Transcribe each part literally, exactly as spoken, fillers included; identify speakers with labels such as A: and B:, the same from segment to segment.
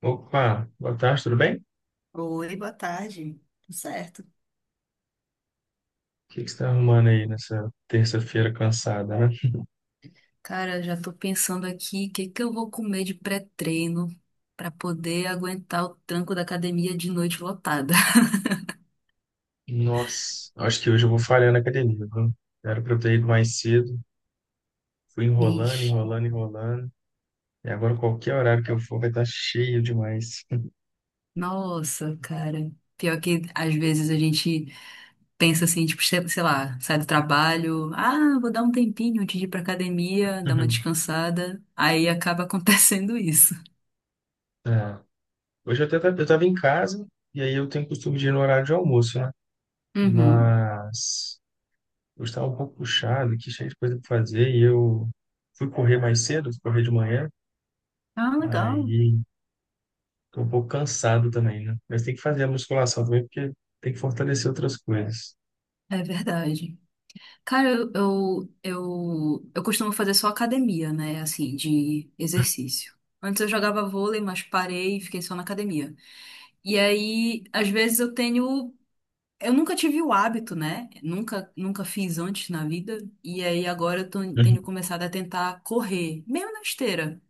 A: Opa, boa tarde, tudo bem? O
B: Oi, boa tarde. Tudo certo?
A: que que você está arrumando aí nessa terça-feira cansada, né?
B: Cara, já tô pensando aqui, o que que eu vou comer de pré-treino pra poder aguentar o tranco da academia de noite lotada.
A: Nossa, acho que hoje eu vou falhar na academia, viu? Era pra eu ter ido mais cedo, fui enrolando,
B: Ixi.
A: enrolando, enrolando, e agora qualquer horário que eu for vai estar cheio demais.
B: Nossa, cara. Pior que às vezes a gente pensa assim, tipo, sei sei lá, sai do trabalho, ah, vou dar um tempinho antes de ir pra academia, dar uma descansada. Aí acaba acontecendo isso.
A: É. Hoje eu até tava, eu tava em casa, e aí eu tenho costume de ir no horário de almoço, né?
B: Uhum.
A: Mas eu estava um pouco puxado, que cheio de coisa pra fazer, e eu fui correr mais cedo, fui correr de manhã,
B: Ah, legal.
A: aí tô um pouco cansado também, né? Mas tem que fazer a musculação também, porque tem que fortalecer outras coisas.
B: É verdade. Cara, eu, eu, eu, eu costumo fazer só academia, né? Assim, de exercício. Antes eu jogava vôlei, mas parei e fiquei só na academia. E aí, às vezes eu tenho. Eu nunca tive o hábito, né? Nunca, nunca fiz antes na vida. E aí agora eu tô-
A: Uhum.
B: tenho começado a tentar correr, mesmo na esteira.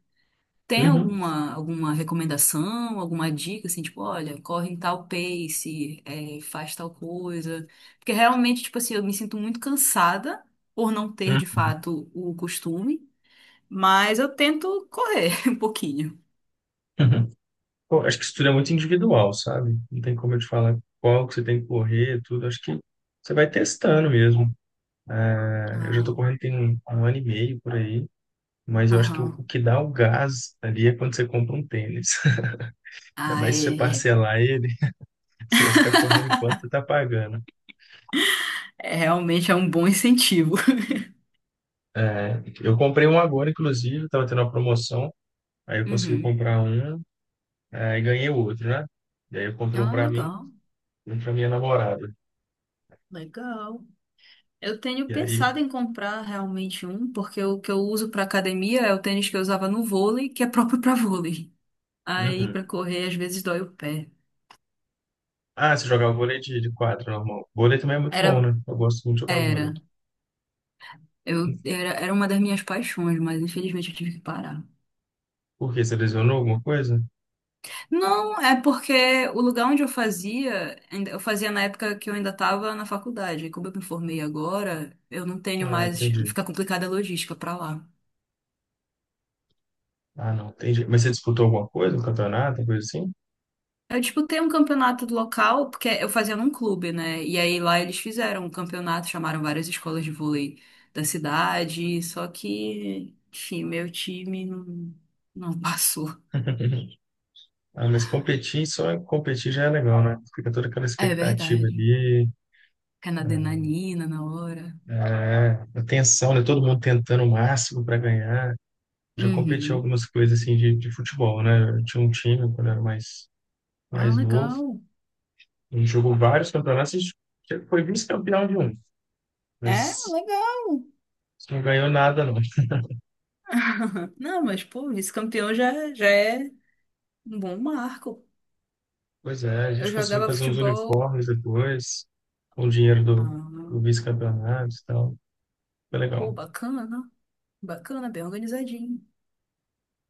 B: Tem
A: Uhum.
B: alguma, alguma recomendação, alguma dica, assim, tipo, olha, corre em tal pace, é, faz tal coisa? Porque realmente, tipo assim, eu me sinto muito cansada por não ter, de
A: Uhum.
B: fato, o costume, mas eu tento correr um pouquinho.
A: Uhum. Pô, acho que isso tudo é muito individual, sabe? Não tem como eu te falar qual que você tem que correr, tudo. Acho que você vai testando mesmo. É, eu já
B: Ah,
A: tô correndo tem um, um ano e meio por aí, mas eu acho que o,
B: aham.
A: o que dá o gás ali é quando você compra um tênis. Ainda
B: Ah,
A: mais se você
B: é, é.
A: parcelar ele, você vai ficar correndo enquanto você tá pagando.
B: É, realmente é um bom incentivo.
A: É, eu comprei um agora, inclusive, tava tendo uma promoção. Aí eu consegui
B: Uhum.
A: comprar um. Aí ganhei outro, né? E aí eu comprei um
B: Ah,
A: pra mim
B: legal,
A: e um pra minha namorada.
B: legal. Eu tenho
A: E aí.
B: pensado em comprar realmente um, porque o que eu uso para academia é o tênis que eu usava no vôlei, que é próprio para vôlei. Aí
A: Uhum.
B: pra correr às vezes dói o pé.
A: Ah, você jogava vôlei de, de quadra, normal. Vôlei também é muito
B: Era,
A: bom, né? Eu gosto muito de jogar vôlei.
B: era. Eu era, era uma das minhas paixões, mas infelizmente eu tive que parar.
A: Por quê? Você lesionou alguma coisa?
B: Não, é porque o lugar onde eu fazia, ainda- eu fazia na época que eu ainda estava na faculdade. E como eu me formei agora, eu não tenho
A: Ah,
B: mais,
A: entendi.
B: fica complicada a logística pra lá.
A: Ah, não, entendi. Mas você disputou alguma coisa, um campeonato, coisa assim?
B: Eu disputei um campeonato do local, porque eu fazia num clube, né? E aí lá eles fizeram um campeonato, chamaram várias escolas de vôlei da cidade, só que, enfim, meu time não não passou.
A: Ah, mas competir, só competir já é legal, né? Fica toda aquela
B: É
A: expectativa
B: verdade.
A: ali,
B: Fica na
A: né?
B: adrenalina na hora.
A: É, a tensão, né? Todo mundo tentando o máximo para ganhar. Já competi em
B: Uhum.
A: algumas coisas assim de, de futebol, né? Eu tinha um time quando eu era mais
B: Ah,
A: mais novo.
B: legal.
A: Ele jogou vários campeonatos e foi vice-campeão de um,
B: É,
A: mas
B: legal.
A: não ganhou nada, não.
B: Não, mas, pô, vice-campeão já, já é um bom marco.
A: Pois é, a
B: Eu
A: gente conseguiu
B: jogava
A: fazer uns
B: futebol.
A: uniformes depois, com o dinheiro do,
B: Ah,
A: do vice-campeonato e tal. Foi
B: pô,
A: legal.
B: bacana. Bacana, bem organizadinho.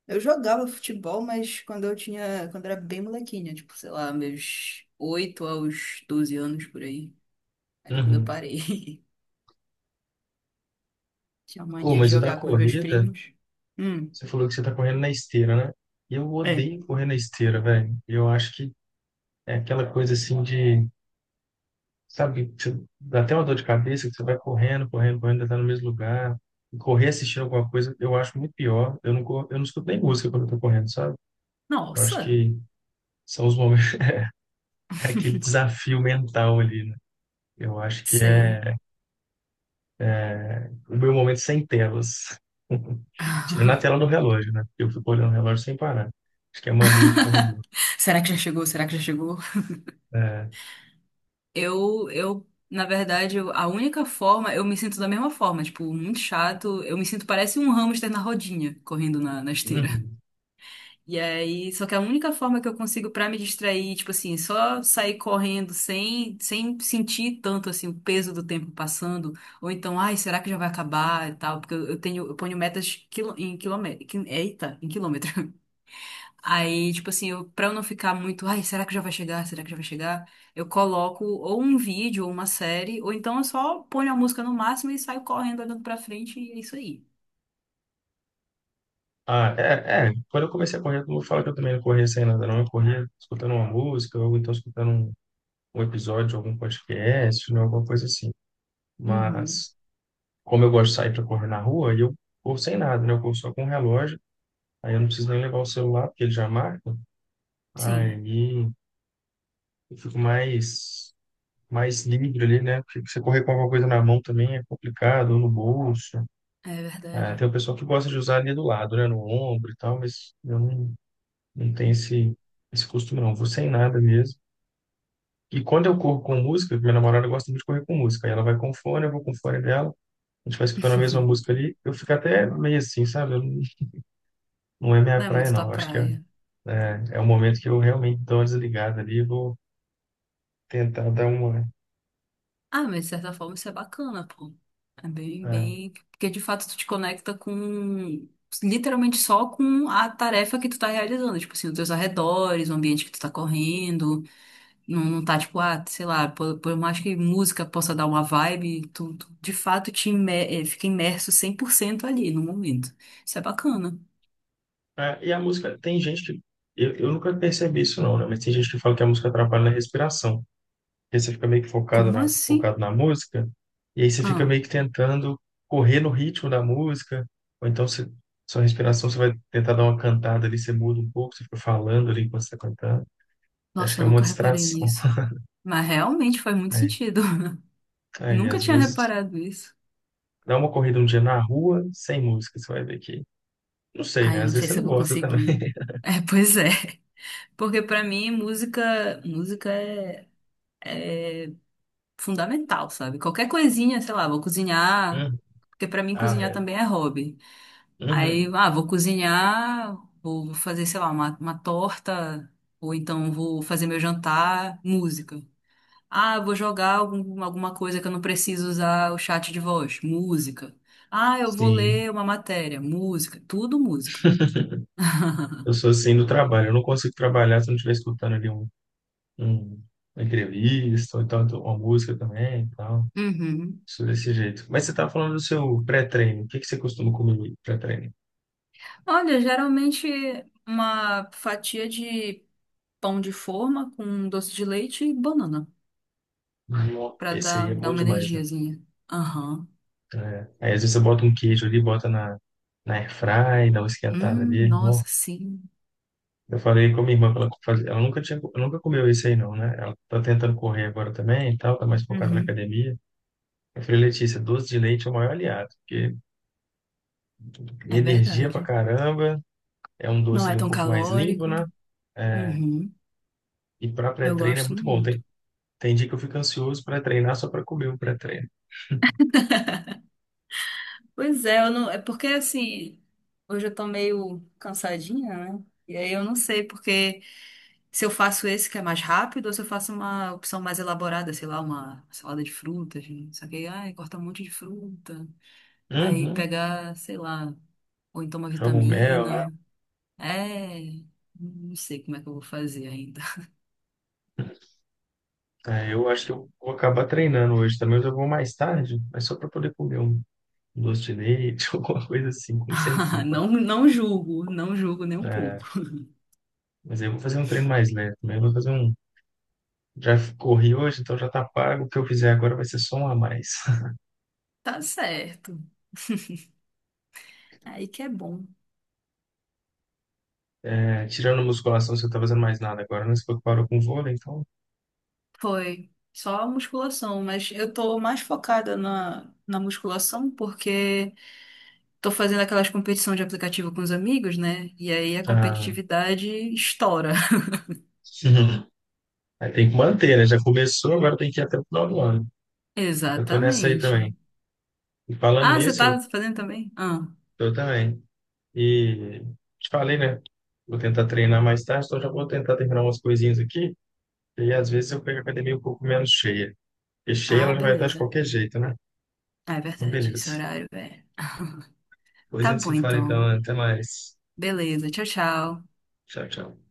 B: Eu jogava futebol, mas quando eu tinha. Quando eu era bem molequinha, tipo, sei lá, meus oito aos doze anos por aí. Aí depois eu
A: Uhum.
B: parei. Tinha
A: Oh,
B: mania de
A: mas o da
B: jogar com os meus
A: corrida,
B: primos. Hum,
A: você falou que você tá correndo na esteira, né? Eu
B: é.
A: odeio correr na esteira, velho. Eu acho que é aquela coisa assim de... Sabe, que você dá até uma dor de cabeça, que você vai correndo, correndo, correndo, ainda tá no mesmo lugar. E correr assistindo alguma coisa, eu acho muito pior. Eu não, cor- eu não escuto nem música quando eu tô correndo, sabe? Eu acho
B: Nossa!
A: que são os momentos, é aquele desafio mental ali, né? Eu acho que
B: Sei.
A: é o meu momento sem telas. Tirando a tela do relógio, né? Eu fico olhando o relógio sem parar. Acho que é mania de corredor.
B: Será que já chegou? Será que já chegou?
A: É.
B: Eu, eu, na verdade, eu- a única forma, eu me sinto da mesma forma, tipo, muito chato. Eu me sinto parece um hamster na rodinha, correndo na, na esteira.
A: Uhum.
B: E aí, só que a única forma que eu consigo pra me distrair, tipo assim, só sair correndo sem, sem sentir tanto assim o peso do tempo passando, ou então, ai, será que já vai acabar e tal? Porque eu, eu tenho, eu ponho metas quilo, em quilômetro, eita, em quilômetro. Aí, tipo assim, eu, pra eu não ficar muito, ai, será que já vai chegar? Será que já vai chegar? Eu coloco ou um vídeo ou uma série, ou então eu só ponho a música no máximo e saio correndo, olhando pra frente, e é isso aí.
A: Ah, é, é. Quando eu comecei a correr, todo mundo fala que eu também não corria sem nada, não. Eu corria escutando uma música, ou então escutando um um episódio, algum podcast, né, alguma coisa assim.
B: Uhum.
A: Mas, como eu gosto de sair para correr na rua, aí eu corro sem nada, né? Eu corro só com o relógio, aí eu não preciso nem levar o celular, porque ele já marca. Aí
B: Sim,
A: eu fico mais, mais livre ali, né? Porque você correr com alguma coisa na mão também é complicado, ou no bolso.
B: é
A: Ah,
B: verdade.
A: tem o pessoal que gosta de usar ali do lado, né? No ombro e tal, mas eu não, não tenho esse, esse costume, não. Vou sem nada mesmo. E quando eu corro com música, minha namorada gosta muito de correr com música. Aí ela vai com fone, eu vou com fone dela. A gente vai escutando a mesma música ali, eu fico até meio assim, sabe? Eu não, não é minha
B: Não é
A: praia,
B: muito
A: não.
B: tua
A: Eu acho que é,
B: praia.
A: é, é o momento que eu realmente dou uma desligada ali e vou tentar dar uma.
B: Ah, mas de certa forma isso é bacana, pô. É bem,
A: É.
B: bem. Porque de fato tu te conecta com. Literalmente só com a tarefa que tu tá realizando. Tipo assim, os teus arredores, o ambiente que tu tá correndo. Não, não tá tipo, ah, sei lá, por, por mais que música possa dar uma vibe, tu, tu de fato te imer, eh, fica imerso cem por cento ali no momento. Isso é bacana.
A: É, e a música, tem gente que... Eu, eu nunca percebi isso, não, né? Mas tem gente que fala que a música atrapalha na respiração. Porque você fica meio que focado
B: Como
A: na,
B: assim?
A: focado na música, e aí você fica
B: Ah,
A: meio que tentando correr no ritmo da música, ou então você, sua respiração, você vai tentar dar uma cantada ali, você muda um pouco, você fica falando ali enquanto você está cantando. Acho
B: nossa,
A: que
B: eu
A: é uma
B: nunca reparei
A: distração.
B: nisso. Mas realmente faz muito
A: É.
B: sentido. Eu
A: Aí,
B: nunca
A: às
B: tinha
A: vezes,
B: reparado isso.
A: dá uma corrida um dia na rua, sem música, você vai ver que... Não sei,
B: Ai,
A: né?
B: eu
A: Às
B: não
A: vezes
B: sei
A: você
B: se
A: não
B: eu vou
A: gosta também.
B: conseguir. É, pois é. Porque pra mim, música, música é fundamental, sabe? Qualquer coisinha, sei lá, vou cozinhar.
A: Uhum.
B: Porque pra mim,
A: Ah,
B: cozinhar
A: é.
B: também é hobby. Aí,
A: Uhum.
B: ah, vou cozinhar, vou fazer, sei lá, uma, uma torta, ou então vou fazer meu jantar, música. Ah, eu vou jogar algum- alguma coisa que eu não preciso usar o chat de voz, música. Ah, eu vou
A: Sim.
B: ler uma matéria, música, tudo música.
A: Eu sou assim do trabalho. Eu não consigo trabalhar se eu não estiver escutando ali um, um- uma entrevista, ou então uma música também, e tal.
B: Uhum.
A: Sou desse jeito. Mas você estava falando do seu pré-treino. O que que você costuma comer no pré-treino?
B: Olha, geralmente uma fatia de pão de forma com doce de leite e banana,
A: Nó-.
B: pra
A: Esse aí
B: dar,
A: é
B: dar
A: bom
B: uma
A: demais, né?
B: energiazinha. Aham.
A: É. Aí às vezes você bota um queijo ali, bota na, na airfry, dá uma esquentada
B: Hum,
A: ali.
B: nossa, sim.
A: Eu falei com a minha irmã que ela fazia, ela nunca tinha, nunca comeu isso aí não, né? Ela tá tentando correr agora também e tal, tá mais focada na
B: Uhum.
A: academia. Eu falei, Letícia, doce de leite é o maior aliado, porque
B: É
A: energia pra
B: verdade.
A: caramba, é um
B: Não
A: doce
B: é
A: ali um
B: tão
A: pouco mais limpo,
B: calórico.
A: né? É,
B: Uhum.
A: e pra
B: Eu
A: pré-treino é
B: gosto
A: muito bom.
B: muito.
A: Tem, tem dia que eu fico ansioso pra treinar só pra comer o pré-treino.
B: Pois é, eu não, é porque assim, hoje eu tô meio cansadinha, né? E aí eu não sei porque se eu faço esse que é mais rápido ou se eu faço uma opção mais elaborada, sei lá, uma salada de frutas, né? Só que aí, ai, corta um monte de fruta. Aí
A: Uhum.
B: pegar, sei lá, ou então uma
A: Jogo um mel, né?
B: vitamina. É, não sei como é que eu vou fazer ainda.
A: É, eu acho que eu vou acabar treinando hoje também, mas eu vou mais tarde, mas só pra poder comer um doce de leite, alguma coisa assim, com sem culpa.
B: Não, não julgo, não julgo nem um
A: É,
B: pouco.
A: mas aí eu vou fazer um treino mais leve, né? Eu vou fazer um. Já corri hoje, então já tá pago. O que eu fizer agora vai ser só um a mais.
B: Tá certo. Aí que é bom.
A: É, tirando musculação, você não tá fazendo mais nada agora, né? Você falou que parou com vôlei, então.
B: Foi só a musculação, mas eu tô mais focada na, na musculação porque tô fazendo aquelas competições de aplicativo com os amigos, né? E aí a
A: Ah,
B: competitividade estoura.
A: aí tem que manter, né? Já começou, agora tem que ir até o final do ano. Eu tô nessa aí
B: Exatamente.
A: também. E falando
B: Ah, você
A: nisso,
B: tá
A: eu,
B: fazendo também? Ah,
A: eu também. E te falei, né? Vou tentar treinar mais tarde, então já vou tentar terminar umas coisinhas aqui. E às vezes eu pego a academia um pouco menos cheia. Porque cheia
B: ah,
A: ela já vai estar de
B: beleza.
A: qualquer jeito, né?
B: Ah, é
A: Então,
B: verdade, esse
A: beleza.
B: horário, é.
A: Depois a
B: Tá
A: gente
B: bom
A: se fala então.
B: então.
A: Até mais.
B: Beleza, tchau, tchau.
A: Tchau, tchau.